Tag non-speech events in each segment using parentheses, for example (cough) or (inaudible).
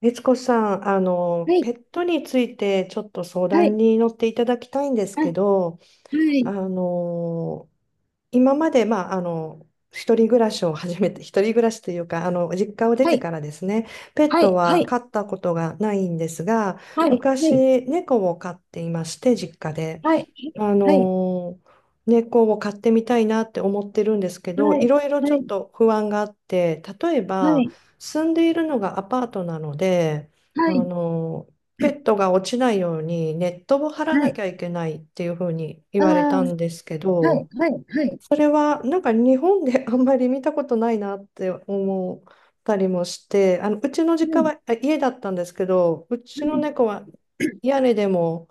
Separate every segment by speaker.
Speaker 1: 律子さん、
Speaker 2: はい、
Speaker 1: ペットについてちょっと相
Speaker 2: は
Speaker 1: 談
Speaker 2: い、
Speaker 1: に乗っていただきたいんです
Speaker 2: あ、は
Speaker 1: けど、あ
Speaker 2: い、
Speaker 1: の、今まで、まあ、一人暮らしを始めて、一人暮らしというか、実家を出
Speaker 2: は
Speaker 1: て
Speaker 2: い、
Speaker 1: からですね、ペッ
Speaker 2: は
Speaker 1: ト
Speaker 2: い、は
Speaker 1: は
Speaker 2: い、
Speaker 1: 飼ったことがないんですが、
Speaker 2: はい、はい、
Speaker 1: 昔、猫を飼っていまして、実家で。
Speaker 2: はい、
Speaker 1: あ
Speaker 2: は
Speaker 1: のー猫を飼ってみたいなって思ってるんですけ
Speaker 2: い、
Speaker 1: ど、いろいろち
Speaker 2: は
Speaker 1: ょっ
Speaker 2: い、
Speaker 1: と不安があって、例え
Speaker 2: は
Speaker 1: ば
Speaker 2: い、
Speaker 1: 住んでいるのがアパートなので、あ
Speaker 2: はい、はい、
Speaker 1: のーペットが落ちないようにネットを張ら
Speaker 2: は
Speaker 1: な
Speaker 2: い、
Speaker 1: きゃいけないっていうふうに言
Speaker 2: あ
Speaker 1: われ
Speaker 2: あ、
Speaker 1: た
Speaker 2: は
Speaker 1: んですけ
Speaker 2: い、
Speaker 1: ど、
Speaker 2: はい、はい、は
Speaker 1: それはなんか日本で (laughs) あんまり見たことないなって思ったりもして、あのうちの実家
Speaker 2: い、
Speaker 1: は家だったんですけど、う
Speaker 2: は
Speaker 1: ちの
Speaker 2: い、
Speaker 1: 猫は屋根でも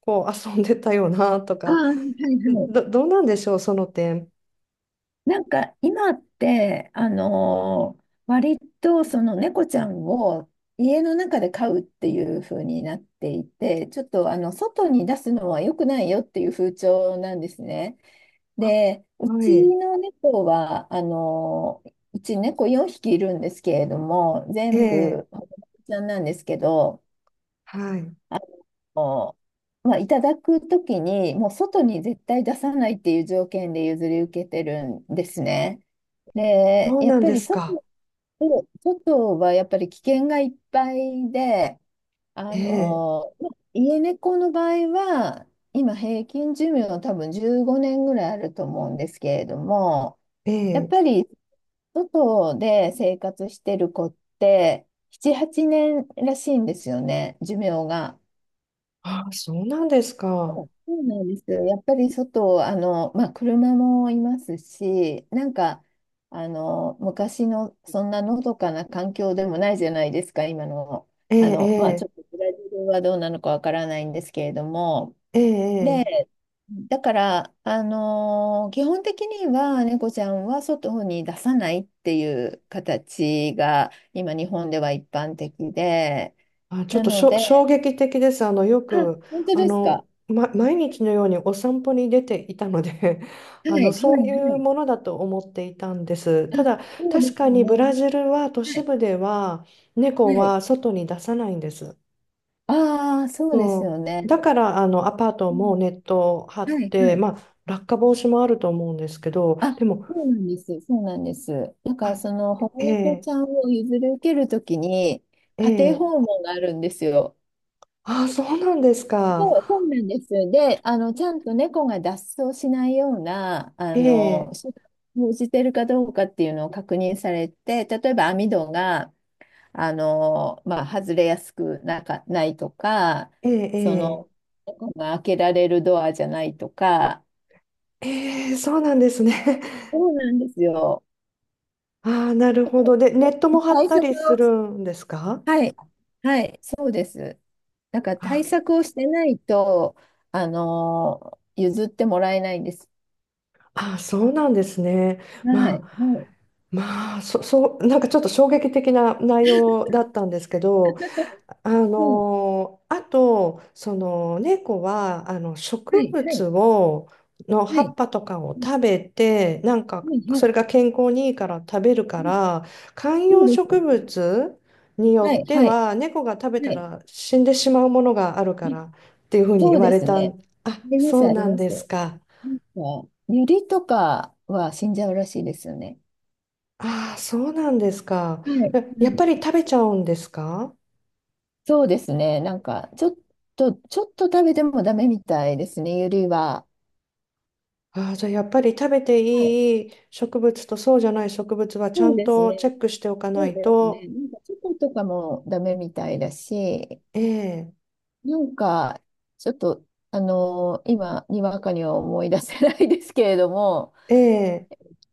Speaker 1: こう遊んでたよなと
Speaker 2: ああ、
Speaker 1: か。
Speaker 2: はい、はい。
Speaker 1: どうなんでしょう、その点。
Speaker 2: なんか今って、割とその猫ちゃんを家の中で飼うっていう風になっていて、ちょっとあの外に出すのは良くないよっていう風潮なんですね。
Speaker 1: あ、
Speaker 2: で、う
Speaker 1: は
Speaker 2: ち
Speaker 1: い。
Speaker 2: の猫は、うち猫4匹いるんですけれども、
Speaker 1: え
Speaker 2: 全
Speaker 1: え、
Speaker 2: 部、保護猫ちゃんなんですけど、
Speaker 1: はい。
Speaker 2: あの、まあ、いただくときに、もう外に絶対出さないっていう条件で譲り受けてるんですね。で、
Speaker 1: そう
Speaker 2: や
Speaker 1: な
Speaker 2: っ
Speaker 1: ん
Speaker 2: ぱ
Speaker 1: で
Speaker 2: り
Speaker 1: す
Speaker 2: 外、
Speaker 1: か。
Speaker 2: 外はやっぱり危険がいっぱいで、
Speaker 1: え
Speaker 2: あ
Speaker 1: え、
Speaker 2: の、ま家猫の場合は、今平均寿命は多分15年ぐらいあると思うんですけれども、
Speaker 1: え
Speaker 2: やっ
Speaker 1: え。
Speaker 2: ぱり外で生活してる子って7、8年らしいんですよね、寿命が。
Speaker 1: あ、そうなんですか。
Speaker 2: そうなんですよ。やっぱり外、あの、まあ、車もいますし、なんか、あの、昔のそんなのどかな環境でもないじゃないですか、今の。
Speaker 1: え
Speaker 2: あの、まあ、ちょっ
Speaker 1: え、
Speaker 2: とブラジルはどうなのかわからないんですけれども、
Speaker 1: ええ、ええ。
Speaker 2: で、
Speaker 1: ええ、
Speaker 2: だから、基本的には猫ちゃんは外に出さないっていう形が今日本では一般的で、
Speaker 1: あ、ちょっ
Speaker 2: な
Speaker 1: と
Speaker 2: の
Speaker 1: 衝
Speaker 2: で、
Speaker 1: 撃的です。よ
Speaker 2: あ、
Speaker 1: く、
Speaker 2: 本当ですか。
Speaker 1: 毎日のようにお散歩に出ていたので (laughs)
Speaker 2: はい、はい、
Speaker 1: そうい
Speaker 2: は
Speaker 1: う
Speaker 2: い。
Speaker 1: ものだと思っていたんです。
Speaker 2: あ、
Speaker 1: ただ、
Speaker 2: そうで
Speaker 1: 確
Speaker 2: す
Speaker 1: かに
Speaker 2: ね。
Speaker 1: ブラジルは都
Speaker 2: は
Speaker 1: 市
Speaker 2: い、
Speaker 1: 部では
Speaker 2: は
Speaker 1: 猫
Speaker 2: い。
Speaker 1: は外に出さないんです。
Speaker 2: ああ、そうです
Speaker 1: そ
Speaker 2: よ
Speaker 1: う。
Speaker 2: ね。
Speaker 1: だから、アパート
Speaker 2: うん、
Speaker 1: もネット張っ
Speaker 2: はい、は
Speaker 1: て、
Speaker 2: い。
Speaker 1: まあ、落下防止もあると思うんですけど、
Speaker 2: あ、
Speaker 1: でも、
Speaker 2: そうなんです。そうなんです。だから、
Speaker 1: あ、
Speaker 2: その保護
Speaker 1: え
Speaker 2: 猫
Speaker 1: え、
Speaker 2: ちゃんを譲り受けるときに、
Speaker 1: え
Speaker 2: 家庭
Speaker 1: え、
Speaker 2: 訪問があるんですよ。
Speaker 1: あ、そうなんです
Speaker 2: そう、そう
Speaker 1: か。
Speaker 2: なんです。で、あの、ちゃんと猫が脱走しないような、
Speaker 1: ええ、
Speaker 2: 手段を講じてるかどうかっていうのを確認されて、例えば網戸が、まあ、外れやすくないとか、
Speaker 1: え
Speaker 2: その、
Speaker 1: え、
Speaker 2: 猫が開けられるドアじゃないとか、
Speaker 1: ええ、ええ、そうなんですね。
Speaker 2: そうなんですよ。
Speaker 1: (laughs) ああ、なるほど。で、ネットも張っ
Speaker 2: 対
Speaker 1: た
Speaker 2: 策
Speaker 1: りす
Speaker 2: を
Speaker 1: る
Speaker 2: し、
Speaker 1: んですか？
Speaker 2: はい、はい、そうです。だから対
Speaker 1: あ、
Speaker 2: 策をしてないと、あの、譲ってもらえないんです。
Speaker 1: あ、そうなんですね。
Speaker 2: は
Speaker 1: ま
Speaker 2: い、
Speaker 1: あ、
Speaker 2: はい、
Speaker 1: まあ、そう、なんかちょっと衝撃的な内容だったんですけど、
Speaker 2: はい。
Speaker 1: あとその猫はあの
Speaker 2: は
Speaker 1: 植
Speaker 2: い、は
Speaker 1: 物
Speaker 2: い、
Speaker 1: をの
Speaker 2: は
Speaker 1: 葉っ
Speaker 2: い。
Speaker 1: ぱとかを
Speaker 2: うん、
Speaker 1: 食べて、なんか
Speaker 2: はい、は
Speaker 1: それ
Speaker 2: い。
Speaker 1: が健康にいいから食べるか
Speaker 2: うん、
Speaker 1: ら、観
Speaker 2: そう
Speaker 1: 葉
Speaker 2: ですよ
Speaker 1: 植
Speaker 2: ね。
Speaker 1: 物に
Speaker 2: は
Speaker 1: よっ
Speaker 2: い、
Speaker 1: て
Speaker 2: はい、
Speaker 1: は猫が食べた
Speaker 2: はい。
Speaker 1: ら死んでしまうものがあるか
Speaker 2: うん、
Speaker 1: らっていうふうに
Speaker 2: そ
Speaker 1: 言
Speaker 2: う
Speaker 1: わ
Speaker 2: で
Speaker 1: れ
Speaker 2: す
Speaker 1: た
Speaker 2: ね。
Speaker 1: ん、あ、
Speaker 2: ありま
Speaker 1: そ
Speaker 2: す、
Speaker 1: う
Speaker 2: あり
Speaker 1: なん
Speaker 2: ま
Speaker 1: で
Speaker 2: す。
Speaker 1: すか。
Speaker 2: なんか、ユリとかは死んじゃうらしいですよね。
Speaker 1: ああ、そうなんですか。
Speaker 2: はい、は
Speaker 1: え、やっ
Speaker 2: い。
Speaker 1: ぱり食べちゃうんですか？
Speaker 2: そうですね。なんか、ちょっと食べてもダメみたいですね、ユリは。
Speaker 1: ああ、じゃあやっぱり食べて
Speaker 2: はい。
Speaker 1: いい植物とそうじゃない植物はちゃ
Speaker 2: そう
Speaker 1: ん
Speaker 2: です
Speaker 1: と
Speaker 2: ね。
Speaker 1: チェックしておかな
Speaker 2: そう
Speaker 1: い
Speaker 2: ですね。
Speaker 1: と。
Speaker 2: なんか、チョコとかもダメみたいだし、
Speaker 1: ええ、
Speaker 2: なんか、ちょっと、今、にわかには思い出せないですけれども、
Speaker 1: ええ、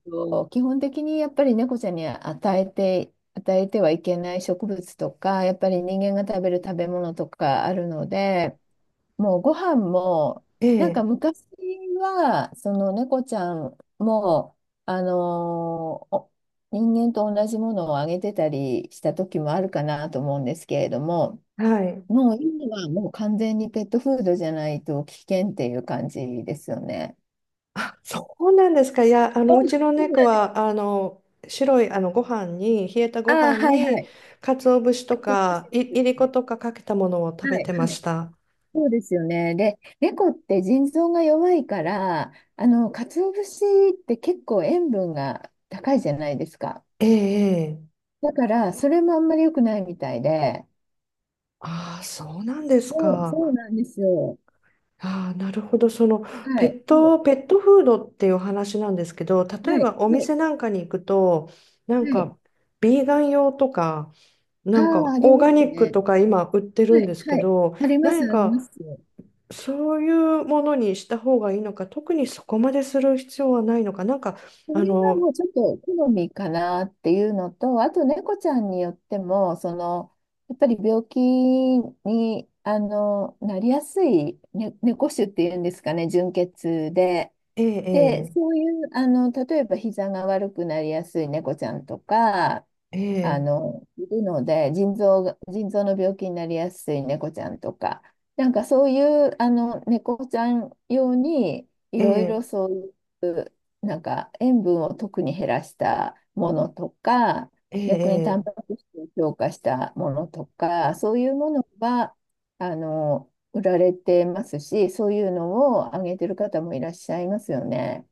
Speaker 2: と基本的にやっぱり猫ちゃんに与えてはいけない植物とか、やっぱり人間が食べる食べ物とかあるので、もうご飯も、
Speaker 1: え
Speaker 2: なんか
Speaker 1: え、
Speaker 2: 昔は、その猫ちゃんも、あのーお人間と同じものをあげてたりした時もあるかなと思うんですけれども、
Speaker 1: はい。
Speaker 2: もう今はもう完全にペットフードじゃないと危険っていう感じですよね。
Speaker 1: あ、そうなんですか。いや、
Speaker 2: そう
Speaker 1: うちの
Speaker 2: そう
Speaker 1: 猫
Speaker 2: なんです。
Speaker 1: は、白い、ご飯に、冷えた
Speaker 2: あ
Speaker 1: ご
Speaker 2: あ、
Speaker 1: 飯
Speaker 2: はい、は
Speaker 1: に、
Speaker 2: い。
Speaker 1: 鰹節と
Speaker 2: 鰹
Speaker 1: か、
Speaker 2: 節ですよ
Speaker 1: いりこ
Speaker 2: ね。
Speaker 1: とかかけたものを食
Speaker 2: は
Speaker 1: べ
Speaker 2: い、
Speaker 1: てま
Speaker 2: は
Speaker 1: し
Speaker 2: い。
Speaker 1: た。
Speaker 2: そうですよね。で、猫って腎臓が弱いから、あの、鰹節って結構塩分が高いじゃないですか。
Speaker 1: ええ、ええ、
Speaker 2: だから、それもあんまり良くないみたいで。
Speaker 1: ああ、そうなんです
Speaker 2: そう、そう
Speaker 1: か。
Speaker 2: なんですよ。
Speaker 1: ああ、なるほど。その
Speaker 2: はい、はい、
Speaker 1: ペットフードっていうお話なんですけど、例
Speaker 2: は
Speaker 1: え
Speaker 2: い、
Speaker 1: ばお
Speaker 2: はい。
Speaker 1: 店なんかに行くと、な
Speaker 2: は
Speaker 1: ん
Speaker 2: い、
Speaker 1: かビーガン用とか、
Speaker 2: あ
Speaker 1: なん
Speaker 2: あ、
Speaker 1: か
Speaker 2: あり
Speaker 1: オー
Speaker 2: ま
Speaker 1: ガニ
Speaker 2: す
Speaker 1: ック
Speaker 2: ね。
Speaker 1: とか今売ってる
Speaker 2: は
Speaker 1: ん
Speaker 2: い、
Speaker 1: です
Speaker 2: は
Speaker 1: け
Speaker 2: い。
Speaker 1: ど、
Speaker 2: ありま
Speaker 1: 何
Speaker 2: す、あります。
Speaker 1: かそういうものにした方がいいのか、特にそこまでする必要はないのか、なんか、
Speaker 2: それ
Speaker 1: あ
Speaker 2: はも
Speaker 1: の、
Speaker 2: うちょっと好みかなっていうのと、あと猫ちゃんによっても、その、やっぱり病気に、あの、なりやすい、ね、猫種っていうんですかね、純血で。
Speaker 1: え
Speaker 2: で、
Speaker 1: え、
Speaker 2: そういう、あの、例えば膝が悪くなりやすい猫ちゃんとか、
Speaker 1: え
Speaker 2: あ
Speaker 1: え、
Speaker 2: の、いるので、腎臓の病気になりやすい猫ちゃんとか、なんかそういう、あの、猫ちゃん用に、い
Speaker 1: え
Speaker 2: ろい
Speaker 1: え、
Speaker 2: ろそういう、なんか塩分を特に減らしたものとか、
Speaker 1: ええ、
Speaker 2: 逆にタ
Speaker 1: え
Speaker 2: ンパ
Speaker 1: え、
Speaker 2: ク質を強化したものとか、そういうものが、あの、売られてますし、そういうのをあげてる方もいらっしゃいますよね。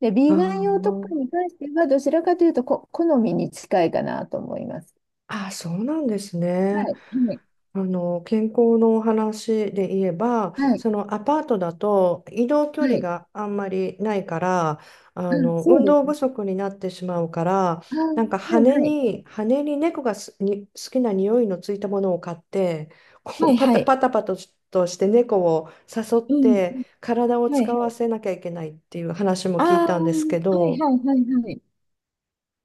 Speaker 2: で、ビ
Speaker 1: あ
Speaker 2: ーガン用と
Speaker 1: ー、
Speaker 2: かに関しては、どちらかというとこ、好みに近いかなと思います。
Speaker 1: あー、そうなんですね。
Speaker 2: はい、はい、
Speaker 1: 健康のお話で言えば、
Speaker 2: はい、
Speaker 1: そのアパートだと移動距
Speaker 2: は
Speaker 1: 離
Speaker 2: い。
Speaker 1: があんまりないから、
Speaker 2: あ、そう
Speaker 1: 運
Speaker 2: で
Speaker 1: 動
Speaker 2: す
Speaker 1: 不
Speaker 2: ね。
Speaker 1: 足になってしまうから、
Speaker 2: あ、はい、
Speaker 1: なんか
Speaker 2: はい。
Speaker 1: 羽に猫が好きな匂いのついたものを買って、こ
Speaker 2: は
Speaker 1: う
Speaker 2: い、
Speaker 1: パ
Speaker 2: は
Speaker 1: タ
Speaker 2: い。
Speaker 1: パタパタとして猫を誘っ
Speaker 2: うん、
Speaker 1: て体を
Speaker 2: はい、
Speaker 1: 使
Speaker 2: は
Speaker 1: わ
Speaker 2: い。
Speaker 1: せなきゃいけないっていう話も
Speaker 2: あ
Speaker 1: 聞い
Speaker 2: あ、は
Speaker 1: たんですけ
Speaker 2: い、
Speaker 1: ど、
Speaker 2: はい、はい、はい。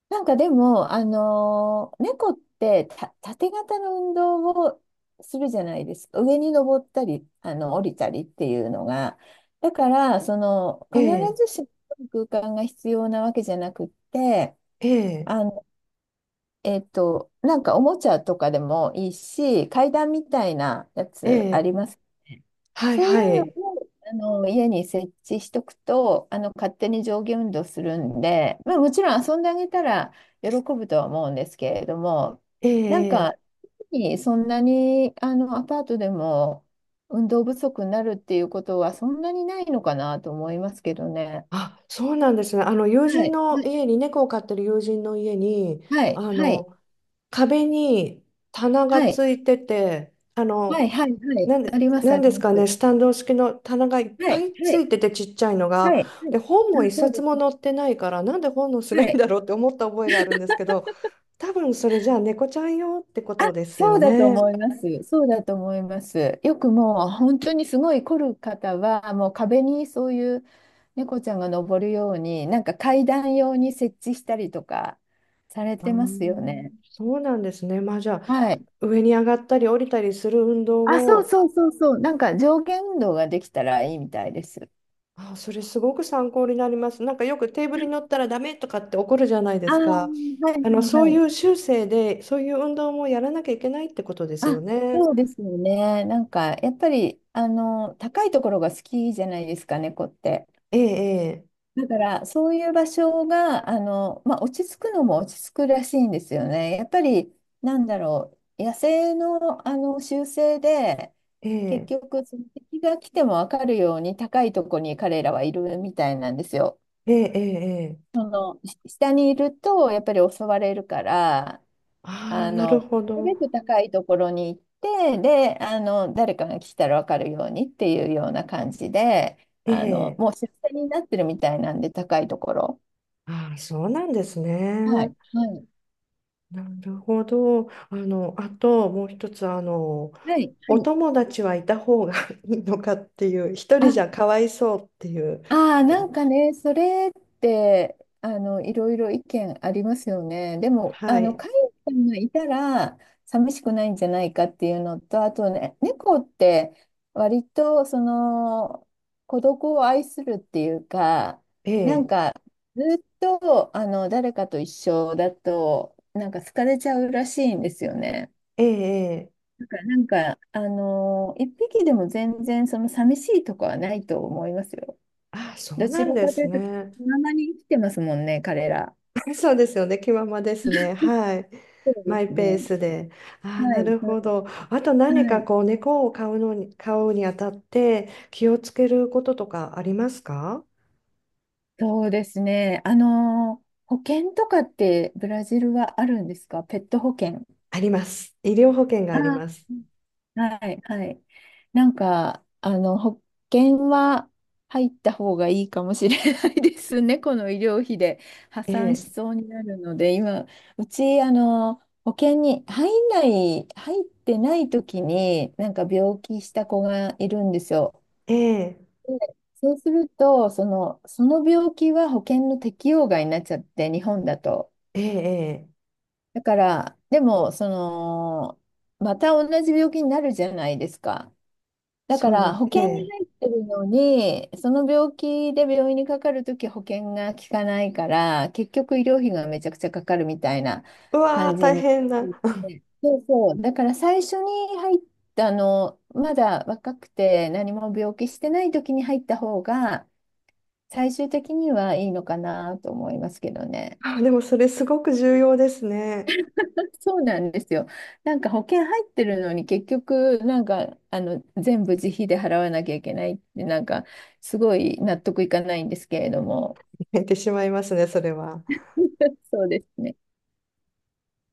Speaker 2: なんかでも、猫ってた縦型の運動をするじゃないですか。上に登ったり、あの、降りたりっていうのが。だから、その、
Speaker 1: え
Speaker 2: 必
Speaker 1: え、
Speaker 2: ずしも空間が必要なわけじゃなくって、
Speaker 1: ええ、
Speaker 2: あ、なんかおもちゃとかでもいいし、階段みたいなや
Speaker 1: え
Speaker 2: つあ
Speaker 1: え、
Speaker 2: りますね。
Speaker 1: はい
Speaker 2: そうい
Speaker 1: は
Speaker 2: うの
Speaker 1: い、
Speaker 2: をあの家に設置しとくと、あの勝手に上下運動するんで、まあ、もちろん遊んであげたら喜ぶとは思うんですけれども、
Speaker 1: え
Speaker 2: なん
Speaker 1: え、え、
Speaker 2: かそんなにあのアパートでも運動不足になるっていうことはそんなにないのかなと思いますけどね。
Speaker 1: あ、そうなんですね。あの友
Speaker 2: は
Speaker 1: 人
Speaker 2: い、
Speaker 1: の
Speaker 2: はい、
Speaker 1: 家に猫を飼ってる友人の家に、
Speaker 2: はい、
Speaker 1: あ
Speaker 2: はい、
Speaker 1: の壁に棚が
Speaker 2: はい、
Speaker 1: ついてて、
Speaker 2: はい、はい、はい、あります、
Speaker 1: な
Speaker 2: あ
Speaker 1: ん
Speaker 2: り
Speaker 1: です
Speaker 2: ま
Speaker 1: かね、
Speaker 2: す。
Speaker 1: スタンド式の棚がいっ
Speaker 2: は
Speaker 1: ぱ
Speaker 2: い、
Speaker 1: い
Speaker 2: は
Speaker 1: つ
Speaker 2: い、
Speaker 1: いててちっちゃいの
Speaker 2: はい、
Speaker 1: が、
Speaker 2: はい。
Speaker 1: で本も
Speaker 2: あ、
Speaker 1: 一
Speaker 2: そう
Speaker 1: 冊も
Speaker 2: で
Speaker 1: 載ってないから、なんで本のし
Speaker 2: す。
Speaker 1: な
Speaker 2: は
Speaker 1: い
Speaker 2: い。
Speaker 1: だろうって思った覚えがあるんですけど、多分それじゃあ猫ちゃん用ってことです
Speaker 2: そ
Speaker 1: よ
Speaker 2: うだと
Speaker 1: ね。
Speaker 2: 思います。そうだと思います。よくもう本当にすごい凝る方は、もう壁にそういう猫ちゃんが登るように、なんか階段用に設置したりとかされ
Speaker 1: あ
Speaker 2: てますよ
Speaker 1: ー、
Speaker 2: ね。
Speaker 1: そうなんですね。まあ、じゃあ
Speaker 2: はい。
Speaker 1: 上に上がったり降りたりする運動
Speaker 2: あ、そう
Speaker 1: を、
Speaker 2: そうそうそう。なんか上下運動ができたらいいみたいです。
Speaker 1: あ、それすごく参考になります。なんかよくテーブルに乗ったらダメとかって怒るじゃないで
Speaker 2: ああ、
Speaker 1: すか。
Speaker 2: はい、はい、
Speaker 1: そうい
Speaker 2: はい。
Speaker 1: う修正で、そういう運動もやらなきゃいけないってことですよ
Speaker 2: あ、
Speaker 1: ね。
Speaker 2: そうですよね。なんかやっぱり、あの、高いところが好きじゃないですか、猫って。
Speaker 1: ええ、
Speaker 2: だから、そういう場所が、あの、まあ、落ち着くのも落ち着くらしいんですよね。やっぱり、なんだろう、野生の、あの習性で、
Speaker 1: え
Speaker 2: 結
Speaker 1: え、
Speaker 2: 局、その敵が来ても分かるように高いとこに彼らはいるみたいなんですよ。
Speaker 1: ええ、ええ、ええ。
Speaker 2: その、し下にいると、やっぱり襲われるから、
Speaker 1: ああ、
Speaker 2: あ
Speaker 1: なる
Speaker 2: の、
Speaker 1: ほ
Speaker 2: なる
Speaker 1: ど。
Speaker 2: べく高いところに行って、で、あの、誰かが来たら分かるようにっていうような感じで、
Speaker 1: え
Speaker 2: あの、
Speaker 1: え。
Speaker 2: もう出世になってるみたいなんで、高いところ。
Speaker 1: ああ、そうなんです
Speaker 2: は
Speaker 1: ね。
Speaker 2: い、はい。
Speaker 1: なるほど。あともう一つ、
Speaker 2: はい、は
Speaker 1: お
Speaker 2: い。
Speaker 1: 友達はいた方が (laughs) いいのかっていう、一人
Speaker 2: あ、
Speaker 1: じゃかわいそうっていう、
Speaker 2: あー、なんかね、それって、あの、いろいろ意見ありますよね。でも、
Speaker 1: は
Speaker 2: あの、
Speaker 1: い。
Speaker 2: 飼い主さんがいたら、寂しくないんじゃないかっていうのと、あとね、猫って、割と、その、孤独を愛するっていうか、
Speaker 1: え
Speaker 2: なん
Speaker 1: え、
Speaker 2: か、ずっと、あの、誰かと一緒だと、なんか疲れちゃうらしいんですよね。
Speaker 1: ええ、え、
Speaker 2: なんか、一匹でも全然その寂しいとかはないと思いますよ。
Speaker 1: あ、そ
Speaker 2: ど
Speaker 1: う
Speaker 2: ち
Speaker 1: なん
Speaker 2: ら
Speaker 1: で
Speaker 2: かとい
Speaker 1: す
Speaker 2: うと、気
Speaker 1: ね。
Speaker 2: ままに生きてますもんね、彼ら。
Speaker 1: (laughs) そうですよね。気ままですね。はい。
Speaker 2: そうで
Speaker 1: マイ
Speaker 2: すね。
Speaker 1: ペースで。ああ、
Speaker 2: はい、
Speaker 1: なる
Speaker 2: は
Speaker 1: ほど。あと
Speaker 2: い、
Speaker 1: 何
Speaker 2: は
Speaker 1: か
Speaker 2: い。
Speaker 1: こう猫を飼うにあたって気をつけることとかありますか？
Speaker 2: そうですね。保険とかってブラジルはあるんですか、ペット保険。
Speaker 1: あります。医療保険が
Speaker 2: あ
Speaker 1: あります。
Speaker 2: ー、はい、はい。なんか、あの、保険は入った方がいいかもしれないですね。(laughs) この医療費で破
Speaker 1: え
Speaker 2: 産し
Speaker 1: え、
Speaker 2: そうになるので、今、うち、あの、保険に入ってない時に、なんか病気した子がいるんですよ。
Speaker 1: ええ、
Speaker 2: で、そうすると、その、その病気は保険の適用外になっちゃって、日本だと。
Speaker 1: ええ、ええ、
Speaker 2: だから、でも、その、また同じ病気になるじゃないですか。だか
Speaker 1: そうで
Speaker 2: ら、
Speaker 1: す。
Speaker 2: 保
Speaker 1: え
Speaker 2: 険に
Speaker 1: え。
Speaker 2: 入ってるのに、その病気で病院にかかるとき保険が効かないから、結局医療費がめちゃくちゃかかるみたいな
Speaker 1: うわ
Speaker 2: 感
Speaker 1: ー、
Speaker 2: じ
Speaker 1: 大
Speaker 2: に。
Speaker 1: 変な。(laughs)
Speaker 2: そうそう。だから最初に入った、あの、まだ若くて何も病気してないときに入った方が、最終的にはいいのかなと思いますけどね。
Speaker 1: あ、でもそれすごく重要ですね。
Speaker 2: そうなんですよ。なんか保険入ってるのに結局なんかあの全部自費で払わなきゃいけないってなんかすごい納得いかないんですけれども。
Speaker 1: (laughs) 泣いてしまいますね、それは。
Speaker 2: (laughs) そうですね。